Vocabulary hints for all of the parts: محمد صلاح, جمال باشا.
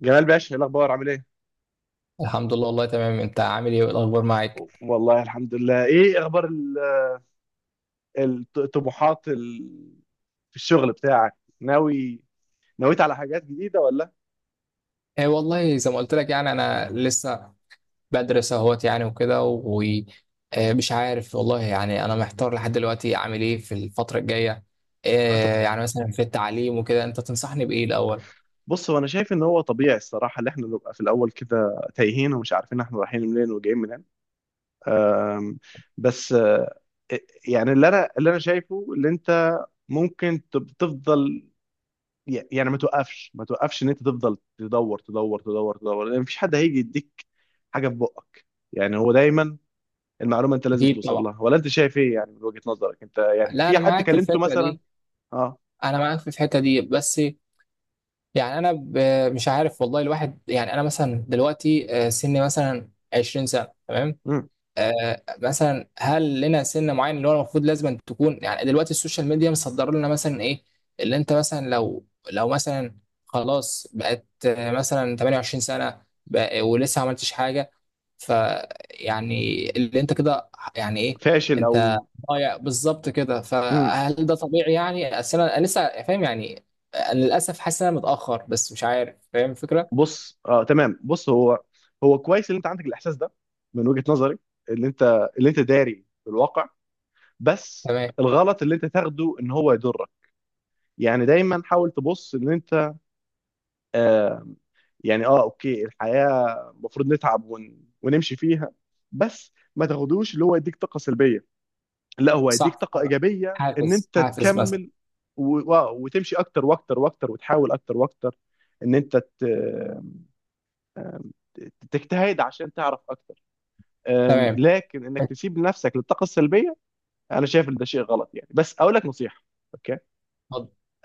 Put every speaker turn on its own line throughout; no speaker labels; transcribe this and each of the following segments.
جمال باشا، ايه الاخبار؟ عامل ايه؟
الحمد لله، والله تمام. انت عامل ايه والاخبار معاك؟
والله الحمد لله. ايه اخبار الطموحات في الشغل بتاعك؟ ناوي نويت على حاجات جديدة ولا؟
ايه والله، زي ما قلت لك يعني انا لسه بدرس اهوت يعني وكده، ومش عارف والله، يعني انا محتار لحد دلوقتي اعمل ايه في الفترة الجاية. إيه
أط-
يعني، مثلا في التعليم وكده، انت تنصحني بايه الاول؟
بص، هو انا شايف ان هو طبيعي الصراحة، اللي احنا نبقى في الاول كده تايهين ومش عارفين احنا رايحين منين وجايين منين. أم، بس يعني اللي انا شايفه اللي انت ممكن تفضل، يعني ما توقفش ما توقفش ان انت تفضل تدور تدور تدور تدور، لان مفيش حد هيجي يديك حاجة في بقك. يعني هو دايما المعلومه انت لازم
اكيد
توصل
طبعا.
لها، ولا انت شايف ايه؟ يعني من وجهه نظرك انت، يعني
لا،
في
انا
حد
معاك في
كلمته
الفكرة
مثلا؟
دي.
اه.
انا معاك في الحتة دي، بس يعني انا مش عارف والله. الواحد يعني انا مثلا دلوقتي، سني مثلا 20 سنة، تمام.
مم.
مثلا هل لنا سن معين اللي هو المفروض لازم تكون، يعني دلوقتي السوشيال ميديا مصدر لنا مثلا ايه؟ اللي انت مثلا لو مثلا خلاص بقت مثلا 28 سنة، ولسه ما عملتش حاجة، ف يعني اللي انت كده يعني ايه؟
فاشل
انت
او.
ضايع بالظبط كده.
مم.
فهل ده طبيعي؟ يعني أصل أنا لسه فاهم يعني. أنا للاسف حاسس ان انا متأخر، بس مش عارف. فاهم الفكرة؟
بص اه تمام، بص هو كويس ان انت عندك الاحساس ده، من وجهه نظري اللي انت داري بالواقع، بس
تمام.
الغلط اللي انت تاخده ان هو يضرك. يعني دايما حاول تبص ان انت، آه، يعني اه اوكي، الحياه المفروض نتعب ونمشي فيها، بس ما تاخدوش اللي هو يديك طاقه سلبيه، لا هو هيديك
صح.
طاقه ايجابيه ان
حافز،
انت
حافز مثلا.
تكمل وتمشي اكتر واكتر واكتر، وتحاول اكتر واكتر ان تجتهد عشان تعرف اكتر.
تمام.
لكن انك
اتفضل.
تسيب نفسك للطاقه السلبيه، انا شايف ان ده شيء غلط يعني. بس اقول لك نصيحه، اوكي؟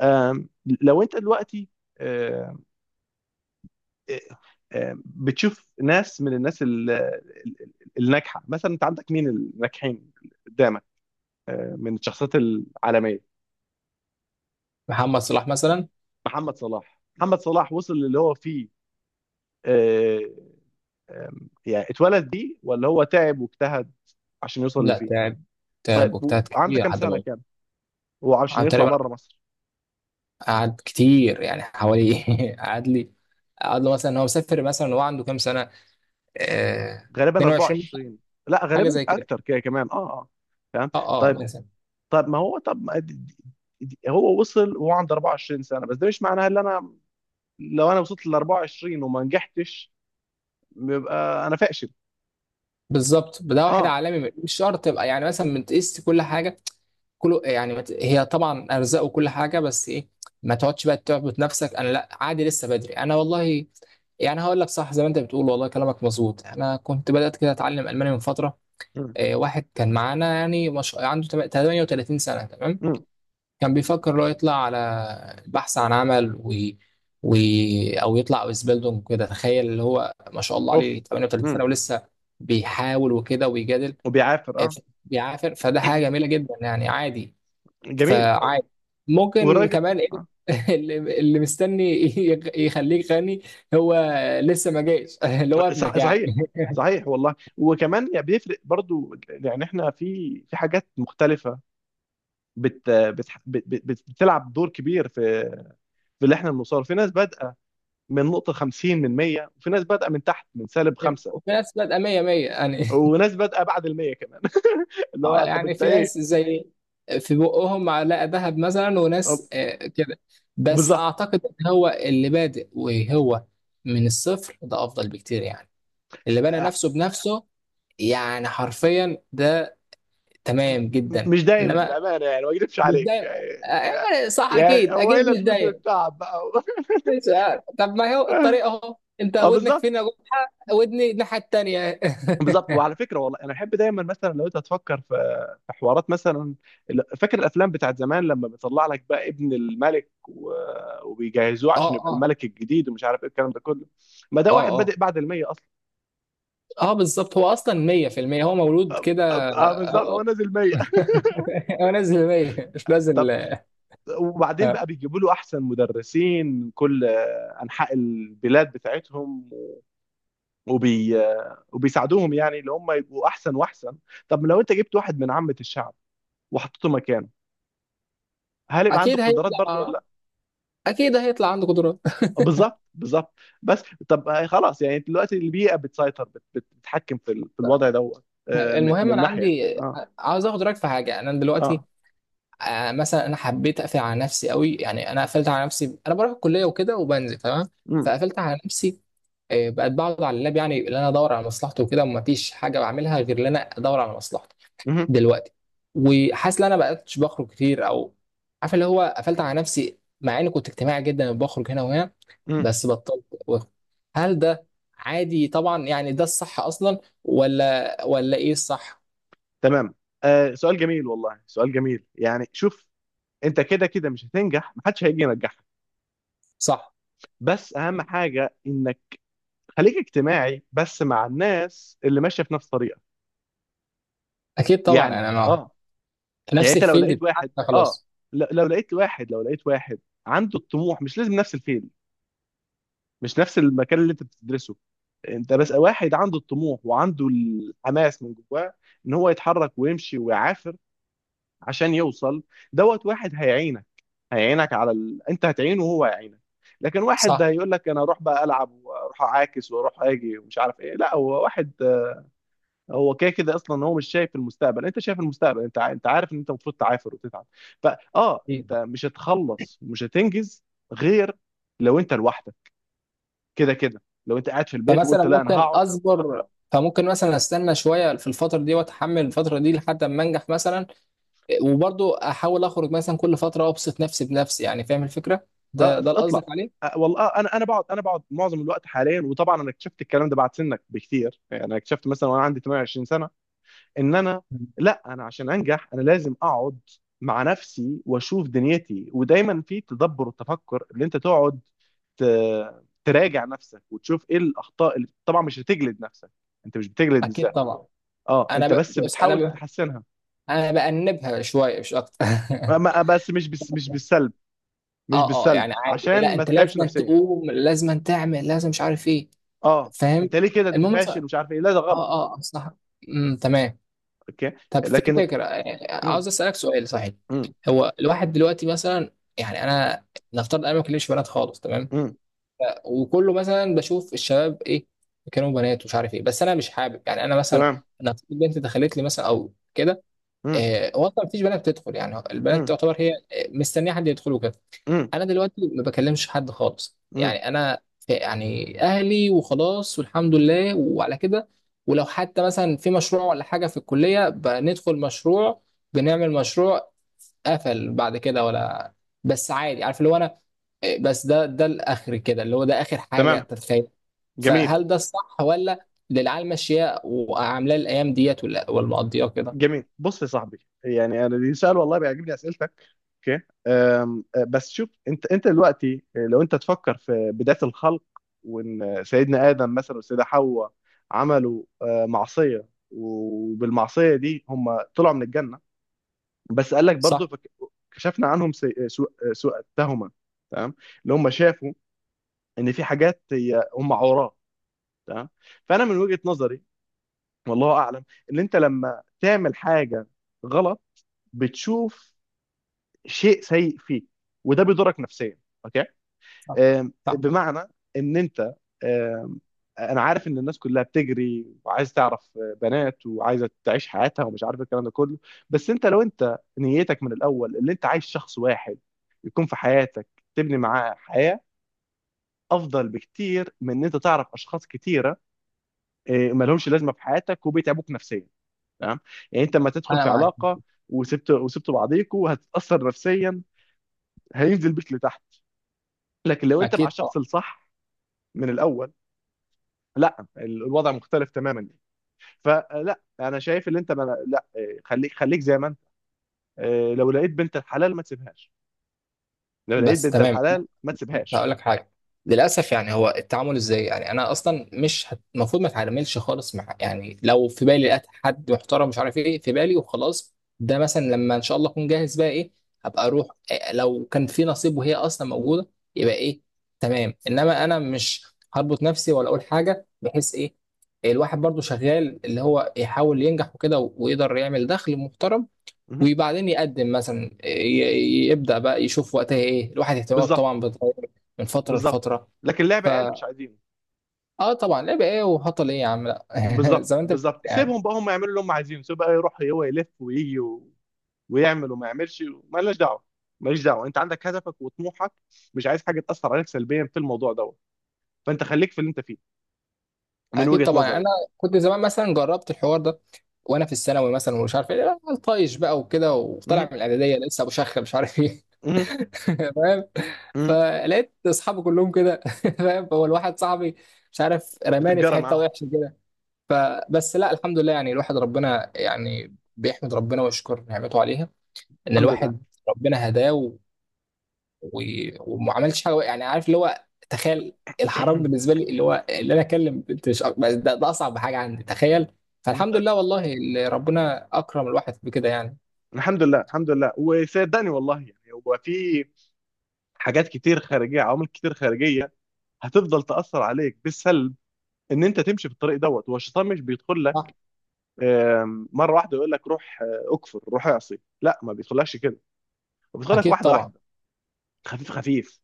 أم، لو انت دلوقتي، أم، بتشوف ناس من الناس الناجحه مثلا، انت عندك مين الناجحين قدامك؟ من الشخصيات العالميه؟
محمد صلاح مثلا.
محمد صلاح. محمد صلاح وصل للي هو فيه، آه، يعني اتولد بيه ولا هو تعب واجتهد عشان يوصل اللي
لا،
فيه؟
تعب.
طيب،
تعب واجتهد
وعنده
كتير
كام
لحد
سنة؟
ما...
كام هو عشان
عن
يطلع
تقريبا،
بره مصر؟
قعد كتير يعني، حوالي... قعد لي قعد له مثلا، هو مسافر مثلا، هو عنده كام سنه؟ آه
غالبا
22 مثلاً،
24. لا
حاجه
غالبا
زي كده.
اكتر كده كمان، اه اه. فاهم.
اه، اه،
طيب،
مثلا.
طب ما هو، طب ما هو وصل وهو عنده 24 سنة، بس ده مش معناها ان انا لو انا وصلت ل 24 وما نجحتش يبقى انا فاشل.
بالظبط. ده واحد
اه.
عالمي مش شرط تبقى، يعني مثلا من تقيس كل حاجه، كله يعني هي طبعا ارزاق وكل حاجه، بس ايه؟ ما تقعدش بقى تعبط نفسك. انا لا، عادي، لسه بدري انا والله. يعني هقول لك صح، زي ما انت بتقول والله، كلامك مظبوط. انا كنت بدات كده اتعلم الماني من فتره.
مم.
واحد كان معانا، يعني مش... عنده 38 سنة، تمام.
مم.
كان بيفكر لو يطلع على البحث عن عمل و... أو يطلع أوزبيلدونج كده. تخيل، اللي هو ما شاء الله
اوف.
عليه 38
مم.
سنة ولسه بيحاول وكده ويجادل.
وبيعافر
آه،
اه.
ف- بيعافر. فده حاجة جميلة جدا يعني. عادي.
جميل.
فعادي، ممكن
والراجل،
كمان
آه،
إيه. اللي مستني يخليك غني هو لسه ما جاش. اللي هو
صح-
ابنك يعني.
صحيح، صحيح والله. وكمان يعني بيفرق برضو، يعني احنا في، في حاجات مختلفة بت بتلعب دور كبير في، في اللي احنا بنوصله. في ناس بادئة من نقطة 50 من 100، وفي ناس بادئة من تحت من سالب خمسة،
وفي نفس الوقت 100 100 يعني.
وناس بادئة بعد ال 100 كمان، اللي هو
اه
يعني طب
يعني
انت
في
ايه؟
ناس زي، في بقهم معلقه ذهب مثلا،
طب
وناس كده. بس
بالظبط.
اعتقد ان هو اللي بادئ وهو من الصفر ده افضل بكتير، يعني اللي بنى
آه،
نفسه بنفسه. يعني حرفيا ده تمام جدا.
مش دايما
انما
بأمانة، يعني ما اكذبش
مش
عليك
دايما.
يعني.
آه،
يعني،
آه، صح،
يعني
اكيد
هو ايه
اكيد مش
لازمته
دايما.
التعب بقى؟
مش عارف. طب ما هو الطريق اهو، انت
اه
ودنك
بالظبط
فين يا ودني الناحيه التانيه.
بالظبط. وعلى فكره والله انا بحب دايما مثلا لو انت هتفكر في، في حوارات مثلا، فاكر الافلام بتاعت زمان لما بيطلع لك بقى ابن الملك وبيجهزوه عشان
اه
يبقى
اه،
الملك الجديد ومش عارف ايه الكلام ده كله؟ ما ده
اه.
واحد بادئ
اه،
بعد المية اصلا.
اه، بالظبط. هو اصلا 100% هو مولود
أب-
كده،
اه بالظبط، هو
آه،
نازل 100.
هو نزل 100 مش
طب،
نازل.
وبعدين
آه.
بقى بيجيبوا له احسن مدرسين من كل انحاء البلاد بتاعتهم، وبي وبيساعدوهم يعني اللي هم يبقوا احسن واحسن. طب لو انت جبت واحد من عامة الشعب وحطيته مكانه، هل يبقى عنده
اكيد
قدرات برضو
هيطلع
ولا؟
اكيد هيطلع عنده قدرات.
بالظبط بالظبط. بس طب، آه، خلاص، يعني دلوقتي البيئه بتسيطر، بتتحكم في في الوضع دوت، آه، من،
المهم،
من
انا
ناحيه.
عندي
اه
عاوز اخد رايك في حاجه. انا دلوقتي،
اه.
مثلا انا حبيت اقفل على نفسي قوي، يعني انا قفلت على نفسي. انا بروح الكليه وكده وبنزل تمام،
امم.
فقفلت على نفسي. بقت بقعد على اللاب، يعني اللي انا ادور على مصلحته وكده، ومفيش حاجه بعملها غير ان انا ادور على مصلحته
امم.
دلوقتي. وحاسس ان انا بقتش بخرج كتير، او عارف اللي هو قفلت على نفسي، مع اني كنت اجتماعي جدا وبخرج هنا وهنا،
امم.
بس بطلت واخد. هل ده عادي طبعا، يعني ده الصح اصلا، ولا ايه الصح؟
تمام. آه، سؤال جميل والله، سؤال جميل. يعني شوف، انت كده كده مش هتنجح، محدش هيجي ينجحك.
صح،
بس اهم حاجه انك خليك اجتماعي بس مع الناس اللي ماشيه في نفس طريقك.
اكيد طبعا.
يعني
يعني انا
اه.
في
يعني
نفس
انت لو
الفيلد
لقيت واحد
بتاعك
اه،
خلاص.
لو لقيت واحد عنده الطموح، مش لازم نفس الفيلد، مش نفس المكان اللي انت بتدرسه. انت بس واحد عنده الطموح وعنده الحماس من جواه ان هو يتحرك ويمشي ويعافر عشان يوصل، دوت واحد هيعينك، هيعينك على ال... انت هتعينه وهو هيعينك. لكن واحد ده
صح،
هيقول لك انا اروح بقى العب واروح اعاكس واروح اجي ومش عارف ايه، لا هو واحد هو كده كده اصلا هو مش شايف المستقبل. انت شايف المستقبل، انت عارف ان انت المفروض تعافر وتتعب. فاه انت
أكيد.
مش هتخلص ومش هتنجز غير لو انت لوحدك. كده كده لو انت قاعد في البيت
فمثلا
وقلت لا انا
ممكن
هقعد،
اصبر، فممكن مثلا استنى شويه في الفتره دي واتحمل الفتره دي لحد ما انجح مثلا، وبرضو احاول اخرج مثلا كل فتره وابسط نفسي بنفسي، يعني فاهم الفكره؟ ده
آه،
ده اللي قصدك
اطلع.
عليه.
آه، والله، آه، انا بقعد، معظم الوقت حاليا، وطبعا انا اكتشفت الكلام ده بعد سنك بكتير، يعني انا اكتشفت مثلا وانا عندي 28 سنه ان انا، لا انا عشان انجح انا لازم اقعد مع نفسي واشوف دنيتي، ودايما في تدبر والتفكر اللي انت تقعد تراجع نفسك وتشوف ايه الاخطاء، اللي طبعا مش هتجلد نفسك، انت مش بتجلد
اكيد
الذات.
طبعا.
اه، انت بس
بص
بتحاول تحسنها.
انا بأنبها شويه مش اكتر.
بس مش بالسلب، مش
اه
بالسلب،
يعني عادي. لا،
عشان ما
انت
تتعبش
لازم أن
نفسيا.
تقوم، لازم أن تعمل، لازم مش عارف ايه.
اه،
فاهم؟
انت ليه كده؟ انت
المهم.
فاشل ومش عارف ايه، لا ده غلط.
صح. تمام.
اوكي.
طب في
لكن.
فكره،
مم.
عاوز اسالك سؤال صحيح.
مم.
هو الواحد دلوقتي مثلا، يعني انا نفترض انا ما بكلمش بنات خالص، تمام.
مم.
وكله مثلا بشوف الشباب ايه، كانوا بنات ومش عارف ايه، بس انا مش حابب. يعني انا مثلا،
تمام.
انا في بنت دخلت لي مثلا او كده.
مم.
هو اصلا مفيش بنات بتدخل، يعني البنات
مم.
تعتبر هي مستنيه حد يدخل وكده.
مم.
انا دلوقتي ما بكلمش حد خالص،
مم.
يعني انا يعني اهلي وخلاص، والحمد لله وعلى كده. ولو حتى مثلا في مشروع ولا حاجه في الكليه بندخل مشروع، بنعمل مشروع، قفل بعد كده، ولا، بس عادي، عارف اللي هو انا، بس ده الاخر كده، اللي هو ده اخر حاجه
تمام.
تتخيل.
جميل.
فهل ده الصح ولا اللي العيال ماشيه وعاملاه الايام ديت، ولا مقضياه كده؟
جميل. بص يا صاحبي، يعني انا دي سؤال والله بيعجبني اسئلتك. اوكي، أه، بس شوف، انت دلوقتي، آه، لو انت تفكر في بداية الخلق، وان سيدنا ادم مثلا والسيدة حواء عملوا، أه، معصية، وبالمعصية دي هم طلعوا من الجنة، بس قال لك برضه
صح،
كشفنا عنهم سوء التهمه، تمام؟ اللي هم شافوا ان في حاجات هي هم عوراء. تمام. فانا من وجهه نظري، والله اعلم، ان انت لما تعمل حاجه غلط بتشوف شيء سيء فيك، وده بيضرك نفسيا، اوكي؟
صح،
آم،
صح،
بمعنى ان انت، انا عارف ان الناس كلها بتجري وعايز تعرف بنات، وعايزه تعيش حياتها ومش عارف الكلام ده كله، بس انت لو انت نيتك من الاول اللي انت عايز شخص واحد يكون في حياتك تبني معاه حياه، افضل بكتير من ان انت تعرف اشخاص كتيره، إيه، مالهمش لازمه في حياتك وبيتعبوك نفسيا. تمام؟ يعني انت لما تدخل
انا
في
معاك.
علاقه وسبت بعضيكوا هتتاثر نفسيا، هينزل بيك لتحت. لكن لو انت مع
اكيد
الشخص
طبعا.
الصح من الاول، لا الوضع مختلف تماما. فلا انا شايف ان انت، ما لا، إيه، خليك خليك زي ما انت. آه، لو لقيت بنت الحلال ما تسيبهاش. لو لقيت
بس
بنت
تمام.
الحلال ما
بس
تسيبهاش.
هقول لك حاجه. للاسف يعني هو التعامل ازاي، يعني انا اصلا مش هت- المفروض ما اتعاملش خالص مع، يعني لو في بالي لقيت حد محترم مش عارف ايه في بالي وخلاص. ده مثلا لما ان شاء الله اكون جاهز بقى ايه، هبقى اروح إيه، لو كان في نصيب وهي اصلا موجوده يبقى ايه. تمام، انما انا مش هربط نفسي ولا اقول حاجه بحيث ايه، الواحد برضو شغال اللي هو يحاول ينجح وكده ويقدر يعمل دخل محترم.
مهم.
وبعدين يقدم مثلا يبدأ بقى يشوف وقتها ايه، الواحد اهتماماته
بالظبط
طبعا بتتغير من فترة
بالظبط.
لفترة.
لكن لعب عيال مش
فا
عايزينه.
اه طبعا لعب ايه وهطل ايه يا عم، لا،
بالظبط
زي ما انت بتقول
بالظبط.
يعني.
سيبهم بقى هم يعملوا اللي هم عايزينه، سيب بقى يروح هو يلف ويجي و... ويعمل وما يعملش، مالناش دعوه. ماليش دعوه، انت عندك هدفك وطموحك، مش عايز حاجه تاثر عليك سلبيا في الموضوع دوت. فانت خليك في اللي انت فيه، من
اكيد
وجهه
طبعا. يعني انا
نظري.
كنت زمان مثلا جربت الحوار ده، وانا في الثانوي مثلا ومش عارف ايه، لا، طايش بقى وكده، وطالع من
مهم.
الاعداديه لسه ابو شخ مش عارف ايه.
مهم.
فاهم.
مهم.
فلقيت اصحابي كلهم كده. فاهم، هو الواحد صاحبي مش عارف، رماني في
بتتجرى
حته
معاهم.
وحشه. فبس، لا الحمد لله، يعني الواحد ربنا يعني بيحمد ربنا ويشكر نعمته عليها، ان
الحمد لله.
الواحد ربنا هداه و... وما عملش حاجه يعني، عارف اللي هو، تخيل. الحرام بالنسبه لي اللي هو اللي انا اكلم بنت مش بس ده اصعب حاجه عندي، تخيل. فالحمد لله والله، اللي ربنا اكرم الواحد بكده يعني.
الحمد لله. الحمد لله. وصدقني والله، يعني هو في حاجات كتير خارجيه، عوامل كتير خارجيه هتفضل تاثر عليك بالسلب، ان انت تمشي في الطريق دوت. هو الشيطان مش بيدخل
صح،
لك، آم، مره واحده يقول لك روح، آه، اكفر روح اعصي. لا ما بيدخلكش كده، هو بيدخلك
اكيد
واحده
طبعا.
واحده، خفيف خفيف.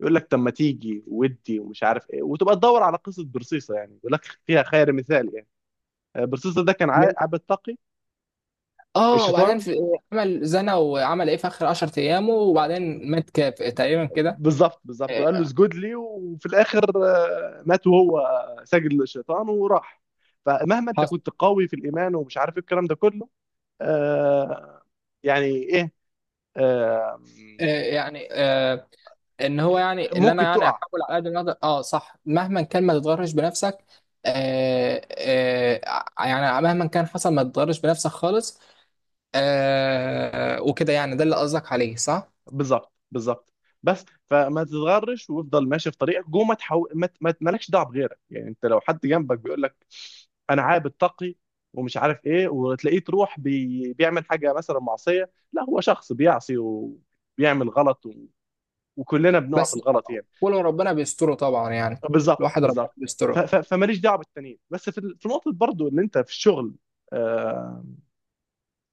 يقول لك طب ما تيجي ودي ومش عارف ايه، وتبقى تدور على قصه برصيصه يعني، يقول لك فيها خير مثال يعني. آه، برصيصه ده كان عبد تقي.
اه، وبعدين
الشيطان.
في، عمل زنا وعمل ايه في اخر 10 ايامه، وبعدين مات كاف تقريبا كده.
بالظبط بالظبط، وقال له
آه،
اسجد لي، وفي الاخر، آه، مات وهو سجد للشيطان وراح. فمهما انت
حصل.
كنت قوي في الايمان ومش عارف ايه الكلام ده كله. آه. يعني ايه. آه.
يعني ان هو يعني اللي انا
ممكن
يعني،
تقع.
احاول على قد ما اقدر، اه صح، مهما كان ما تتغرش بنفسك. آه، آه، يعني مهما كان حصل ما تتغرش بنفسك خالص. آه، وكده يعني، ده اللي قصدك عليه صح؟
بالظبط بالظبط. بس فما تتغرش وافضل ماشي في طريقك جوه، ما تحو... ما ت- ما ت- مالكش دعوه بغيرك. يعني انت لو حد جنبك بيقول لك انا عابد تقي ومش عارف ايه، وتلاقيه تروح بيعمل حاجه مثلا معصيه، لا هو شخص بيعصي و... بيعمل غلط، وكلنا بنقع في
بس
الغلط يعني.
ولو ربنا بيستره طبعا يعني،
بالظبط
الواحد ربنا
بالظبط.
بيستره.
فماليش دعوه بالتانيين. بس في في نقطه برضو اللي انت في الشغل، آم،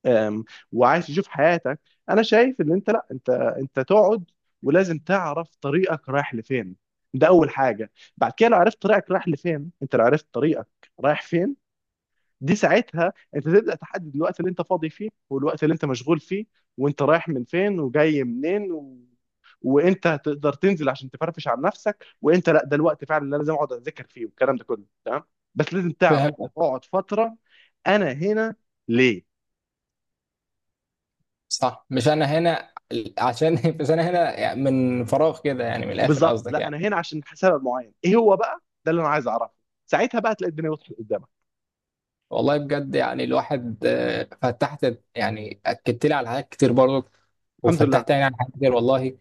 آم، وعايز تشوف حياتك، انا شايف ان انت، لا انت تقعد ولازم تعرف طريقك رايح لفين، ده اول حاجه. بعد كده لو عرفت طريقك رايح لفين، انت لو عرفت طريقك رايح فين، دي ساعتها انت تبدا تحدد الوقت اللي انت فاضي فيه والوقت اللي انت مشغول فيه، وانت رايح من فين وجاي منين و... وانت هتقدر تنزل عشان تفرفش عن نفسك، وانت لا ده الوقت فعلا اللي انا لازم اقعد اذاكر فيه والكلام ده كله. تمام؟ بس لازم تعرف
فهمت.
اقعد فتره، انا هنا ليه؟
صح، مش انا هنا عشان مش انا هنا يعني من فراغ كده، يعني من الاخر
بالظبط.
قصدك
لا انا
يعني.
هنا عشان سبب معين، ايه هو بقى؟ ده اللي انا عايز اعرفه. ساعتها بقى تلاقي الدنيا وضحت قدامك.
والله بجد، يعني الواحد، فتحت يعني، اكدت لي على حاجات كتير برضو.
الحمد لله.
وفتحت يعني عن حاجات كتير والله.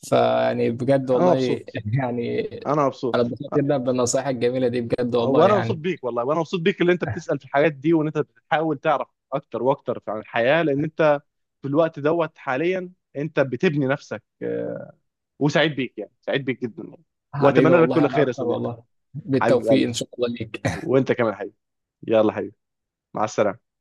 فيعني بجد
انا
والله.
مبسوط.
يعني،
انا
انا
مبسوط.
اتبسطت جدا بالنصائح الجميله دي، بجد والله
وانا مبسوط
يعني.
بيك والله، وانا مبسوط بيك اللي انت بتسال في الحاجات دي، وان انت بتحاول تعرف اكتر واكتر عن الحياه، لان انت في الوقت دوت حاليا انت بتبني نفسك، آه، وسعيد بيك يعني، سعيد بيك جدا يعني.
حبيبي
واتمنى لك
والله،
كل
انا
خير يا
اكتر
صديقي.
والله.
حبيب
بالتوفيق
قلبي.
ان شاء الله ليك.
وانت كمان حبيبي. يلا حبيبي، مع السلامه.